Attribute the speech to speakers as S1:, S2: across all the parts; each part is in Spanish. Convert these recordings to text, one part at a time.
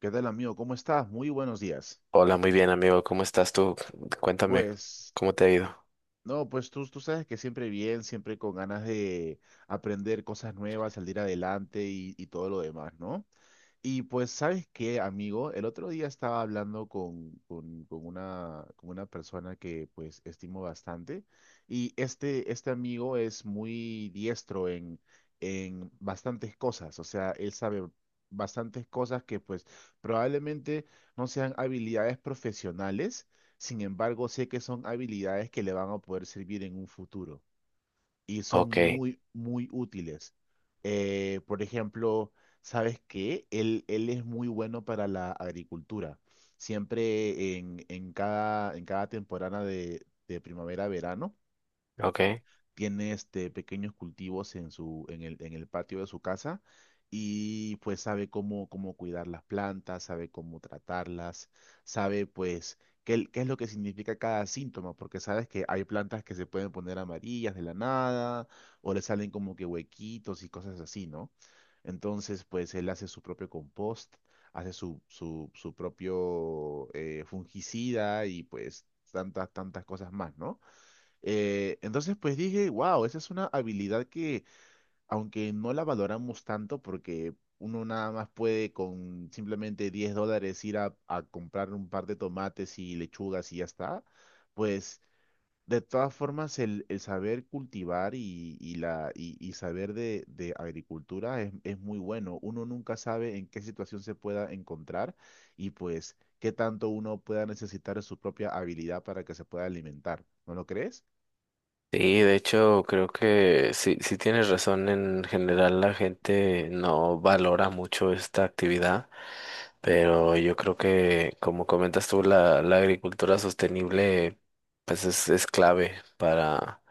S1: ¿Qué tal, amigo? ¿Cómo estás? Muy buenos días.
S2: Hola, muy bien, amigo. ¿Cómo estás tú? Cuéntame,
S1: Pues,
S2: ¿cómo te ha ido?
S1: no, pues tú sabes que siempre bien, siempre con ganas de aprender cosas nuevas, salir adelante y todo lo demás, ¿no? Y pues, ¿sabes qué, amigo? El otro día estaba hablando con una persona que pues estimo bastante y este amigo es muy diestro en bastantes cosas, o sea, él sabe bastantes cosas que pues probablemente no sean habilidades profesionales. Sin embargo, sé que son habilidades que le van a poder servir en un futuro y son
S2: Ok,
S1: muy, muy útiles. Por ejemplo, ¿sabes qué? Él es muy bueno para la agricultura. Siempre en cada temporada de primavera-verano
S2: ok.
S1: tiene este pequeños cultivos en el patio de su casa y pues sabe cómo, cómo cuidar las plantas, sabe cómo tratarlas, sabe pues qué es lo que significa cada síntoma, porque sabes que hay plantas que se pueden poner amarillas de la nada o le salen como que huequitos y cosas así, ¿no? Entonces, pues él hace su propio compost, hace su propio fungicida y pues tantas, tantas cosas más, ¿no? Entonces, pues dije, wow, esa es una habilidad que, aunque no la valoramos tanto, porque uno nada más puede con simplemente $10 ir a comprar un par de tomates y lechugas y ya está. Pues de todas formas el saber cultivar y saber de agricultura es muy bueno. Uno nunca sabe en qué situación se pueda encontrar y pues qué tanto uno pueda necesitar de su propia habilidad para que se pueda alimentar. ¿No lo crees?
S2: Sí, de hecho, creo que sí, sí tienes razón. En general, la gente no valora mucho esta actividad, pero yo creo que, como comentas tú, la agricultura sostenible, pues es clave para,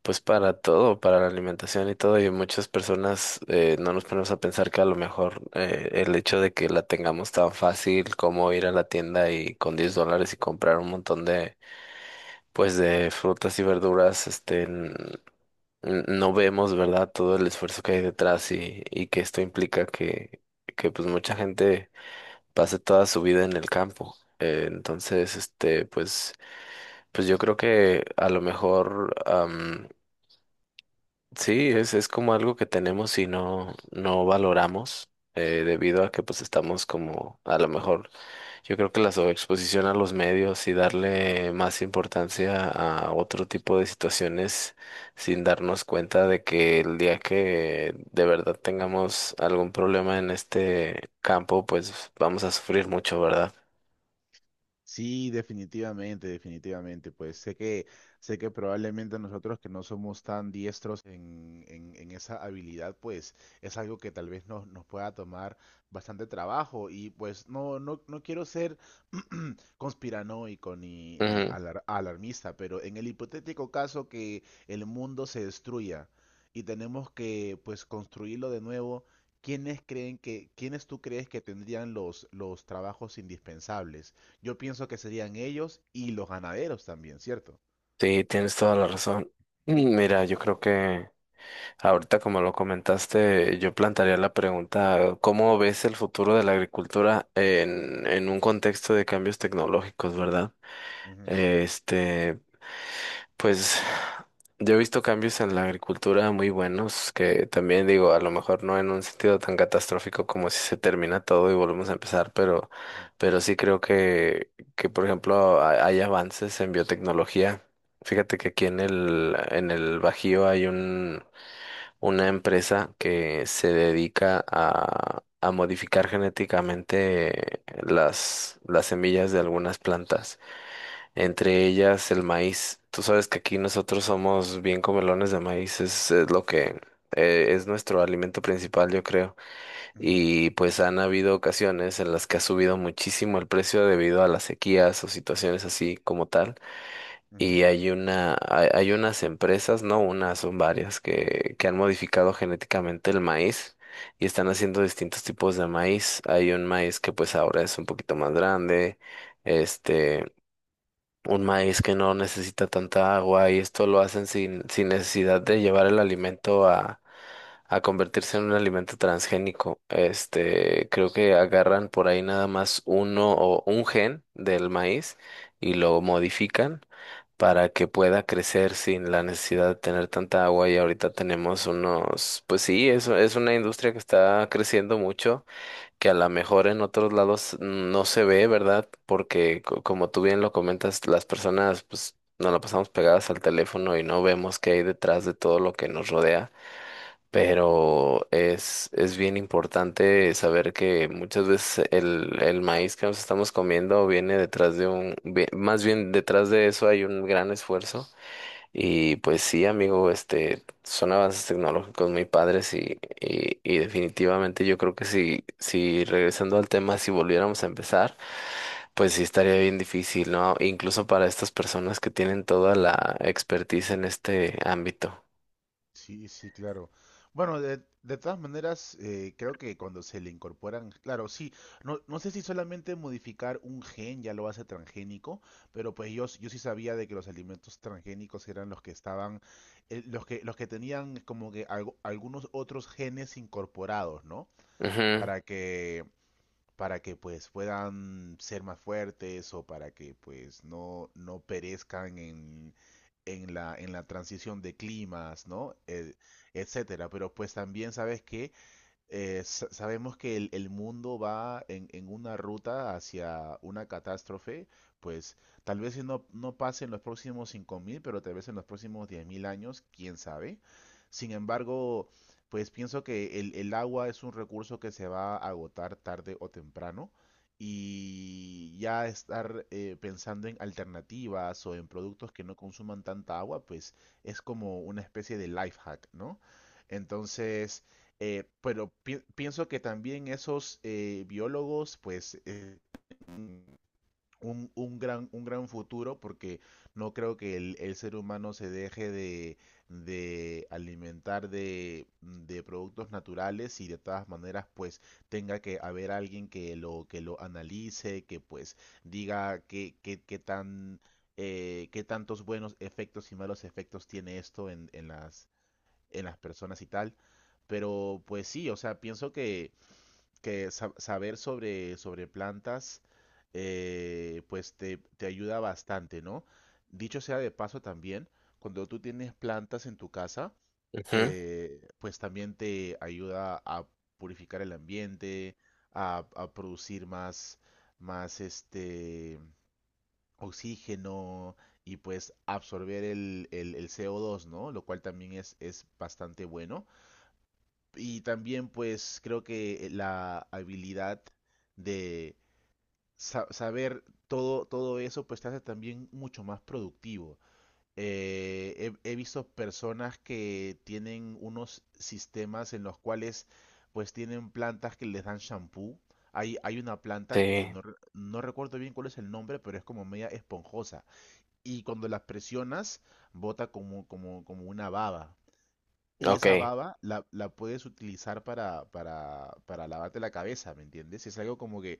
S2: pues para todo, para la alimentación y todo. Y muchas personas no nos ponemos a pensar que a lo mejor el hecho de que la tengamos tan fácil como ir a la tienda y con 10 dólares y comprar un montón de, pues de frutas y verduras, este, no vemos, ¿verdad? Todo el esfuerzo que hay detrás, y que esto implica que pues mucha gente pase toda su vida en el campo. Entonces, este, pues yo creo que a lo mejor... Sí, es como algo que tenemos y no, no valoramos debido a que pues estamos como a lo mejor. Yo creo que la sobreexposición a los medios y darle más importancia a otro tipo de situaciones, sin darnos cuenta de que el día que de verdad tengamos algún problema en este campo, pues vamos a sufrir mucho, ¿verdad?
S1: Sí, definitivamente, definitivamente. Pues sé que probablemente nosotros que no somos tan diestros en esa habilidad, pues es algo que tal vez nos pueda tomar bastante trabajo. Y pues no quiero ser conspiranoico ni, ni
S2: Ujú.
S1: alar- alarmista, pero en el hipotético caso que el mundo se destruya y tenemos que pues construirlo de nuevo, ¿quiénes tú crees que tendrían los trabajos indispensables? Yo pienso que serían ellos y los ganaderos también, ¿cierto?
S2: Sí, tienes toda la razón. Mira, yo creo que ahorita, como lo comentaste, yo plantearía la pregunta: ¿cómo ves el futuro de la agricultura en, un contexto de cambios tecnológicos, verdad?
S1: Ujú,
S2: Este, pues yo he visto cambios en la agricultura muy buenos, que también digo, a lo mejor no en un sentido tan catastrófico como si se termina todo y volvemos a empezar, pero, sí creo que por ejemplo, hay avances en biotecnología. Fíjate que aquí en el, Bajío hay un una empresa que se dedica a, modificar genéticamente las semillas de algunas plantas, entre ellas el maíz. Tú sabes que aquí nosotros somos bien comelones de maíz, es lo que... Es nuestro alimento principal, yo creo.
S1: ujú,
S2: Y pues han habido ocasiones en las que ha subido muchísimo el precio debido a las sequías o situaciones así como tal.
S1: ujú, ujú.
S2: Y hay unas empresas, no unas, son varias, que, han modificado genéticamente el maíz, y están haciendo distintos tipos de maíz. Hay un maíz que pues ahora es un poquito más grande, este, un maíz que no necesita tanta agua, y esto lo hacen sin, necesidad de llevar el alimento a convertirse en un alimento transgénico. Este, creo que agarran por ahí nada más uno o un gen del maíz y lo modifican para que pueda crecer sin la necesidad de tener tanta agua, y ahorita tenemos unos, pues sí, eso es una industria que está creciendo mucho, que a lo mejor en otros lados no se ve, ¿verdad? Porque como tú bien lo comentas, las personas pues nos la pasamos pegadas al teléfono y no vemos qué hay detrás de todo lo que nos rodea. Pero es bien importante saber que muchas veces el, maíz que nos estamos comiendo viene detrás de un, vi- más bien detrás de eso hay un gran esfuerzo. Y pues sí, amigo, este, son avances tecnológicos muy padres, y definitivamente yo creo que si regresando al tema, si volviéramos a empezar, pues sí estaría bien difícil, ¿no? Incluso para estas personas que tienen toda la expertise en este ámbito.
S1: Sí, sí, claro. Bueno, de todas maneras, creo que cuando se le incorporan, claro, sí, no, no sé si solamente modificar un gen ya lo hace transgénico, pero pues yo sí sabía de que los alimentos transgénicos eran los que estaban, los que tenían como que algunos otros genes incorporados, ¿no?
S2: Ujú,
S1: Para que para que pues puedan ser más fuertes o para que pues no, no perezcan en la transición de climas, ¿no? Etcétera. Pero pues también sabes que sabemos que el mundo va en una ruta hacia una catástrofe. Pues tal vez si no, no pase en los próximos 5.000, pero tal vez en los próximos 10.000 años, quién sabe. Sin embargo, pues pienso que el agua es un recurso que se va a agotar tarde o temprano y ya estar pensando en alternativas o en productos que no consuman tanta agua, pues es como una especie de life hack, ¿no? Entonces... Pero pienso que también esos biólogos, pues, un gran futuro, porque no creo que el ser humano se deje de alimentar de productos naturales y de todas maneras, pues, tenga que haber alguien que que lo analice, que pues diga qué tan, qué tantos buenos efectos y malos efectos tiene esto en las personas y tal. Pero pues sí, o sea, pienso que saber sobre plantas, pues te ayuda bastante, ¿no? Dicho sea de paso también, cuando tú tienes plantas en tu casa,
S2: ujú.
S1: pues también te ayuda a purificar el ambiente, a producir más, más este oxígeno y pues absorber el CO2, ¿no? Lo cual también es bastante bueno. Y también pues creo que la habilidad de saber todo, todo eso pues te hace también mucho más productivo. He visto personas que tienen unos sistemas en los cuales pues tienen plantas que les dan shampoo. Hay una planta que
S2: Sí,
S1: no recuerdo bien cuál es el nombre, pero es como media esponjosa. Y cuando las presionas, bota como, como, como una baba. Y
S2: ok,
S1: esa baba la puedes utilizar para lavarte la cabeza, ¿me entiendes? Es algo como que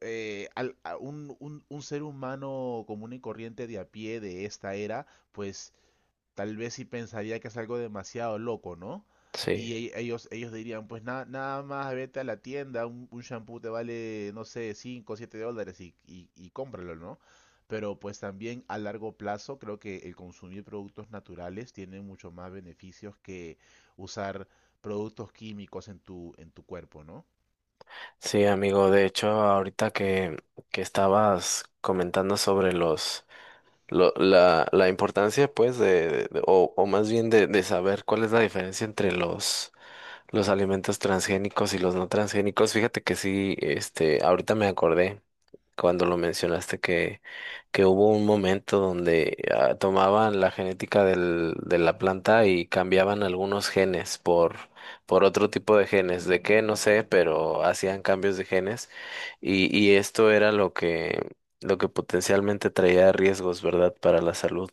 S1: un ser humano común y corriente de a pie de esta era, pues tal vez sí pensaría que es algo demasiado loco, ¿no?
S2: sí.
S1: Y ellos, ellos dirían, pues nada, nada más vete a la tienda, un shampoo te vale, no sé, cinco o 7 dólares y y cómpralo, ¿no? Pero pues también a largo plazo creo que el consumir productos naturales tiene mucho más beneficios que usar productos químicos en en tu cuerpo, ¿no?
S2: Sí, amigo, de hecho, ahorita que, estabas comentando sobre la importancia, pues, o más bien de saber cuál es la diferencia entre los, alimentos transgénicos y los no transgénicos. Fíjate que sí, este, ahorita me acordé cuando lo mencionaste que, hubo un momento donde tomaban la genética del, de la planta y cambiaban algunos genes por otro tipo de genes. ¿De qué? No sé, pero hacían cambios de genes, y esto era lo que potencialmente traía riesgos, ¿verdad?, para la salud.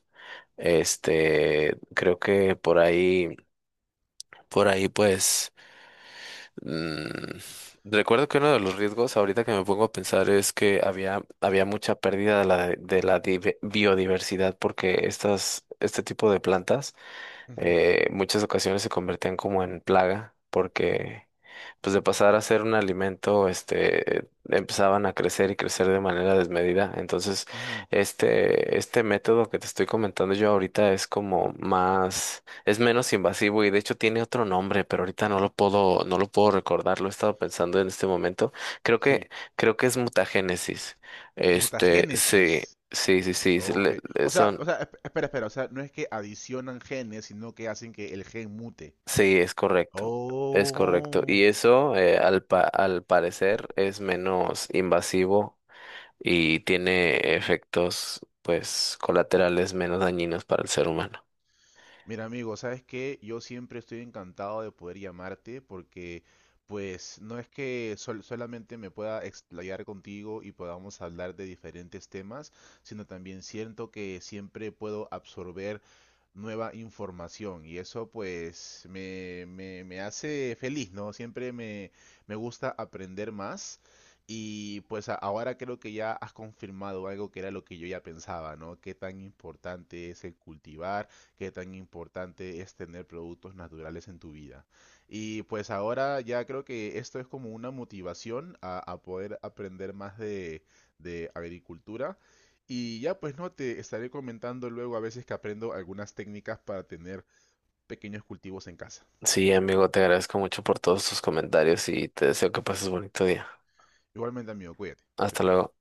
S2: Este, creo que por ahí pues. Mm, recuerdo que uno de los riesgos, ahorita que me pongo a pensar, es que había, mucha pérdida de la biodiversidad, porque este tipo de plantas,
S1: Ujú,
S2: muchas ocasiones se convertían como en plaga, porque pues de pasar a ser un alimento, este, empezaban a crecer y crecer de manera desmedida. Entonces,
S1: ujú.
S2: este, método que te estoy comentando yo ahorita es como más es menos invasivo, y de hecho tiene otro nombre, pero ahorita no lo puedo recordar, lo he estado pensando en este momento. Creo
S1: Sí.
S2: que, creo que es mutagénesis. Este, sí,
S1: Mutagénesis.
S2: sí, sí, sí, sí,
S1: Ok. O sea, espera, espera. O sea, no es que adicionan genes, sino que hacen que el gen mute.
S2: sí, es correcto, es correcto. Y
S1: Oh.
S2: eso, al parecer, es menos invasivo y tiene efectos, pues, colaterales menos dañinos para el ser humano.
S1: Mira, amigo, ¿sabes qué? Yo siempre estoy encantado de poder llamarte porque, pues, no es que solamente me pueda explayar contigo y podamos hablar de diferentes temas, sino también siento que siempre puedo absorber nueva información y eso, pues, me hace feliz, ¿no? Siempre me gusta aprender más y, pues, ahora creo que ya has confirmado algo que era lo que yo ya pensaba, ¿no? Qué tan importante es el cultivar, qué tan importante es tener productos naturales en tu vida. Y pues ahora ya creo que esto es como una motivación a poder aprender más de agricultura. Y ya pues no, te estaré comentando luego a veces que aprendo algunas técnicas para tener pequeños cultivos en casa.
S2: Sí, amigo, te agradezco mucho por todos tus comentarios y te deseo que pases bonito día.
S1: Igualmente, amigo, cuídate. Chao,
S2: Hasta
S1: chao.
S2: luego.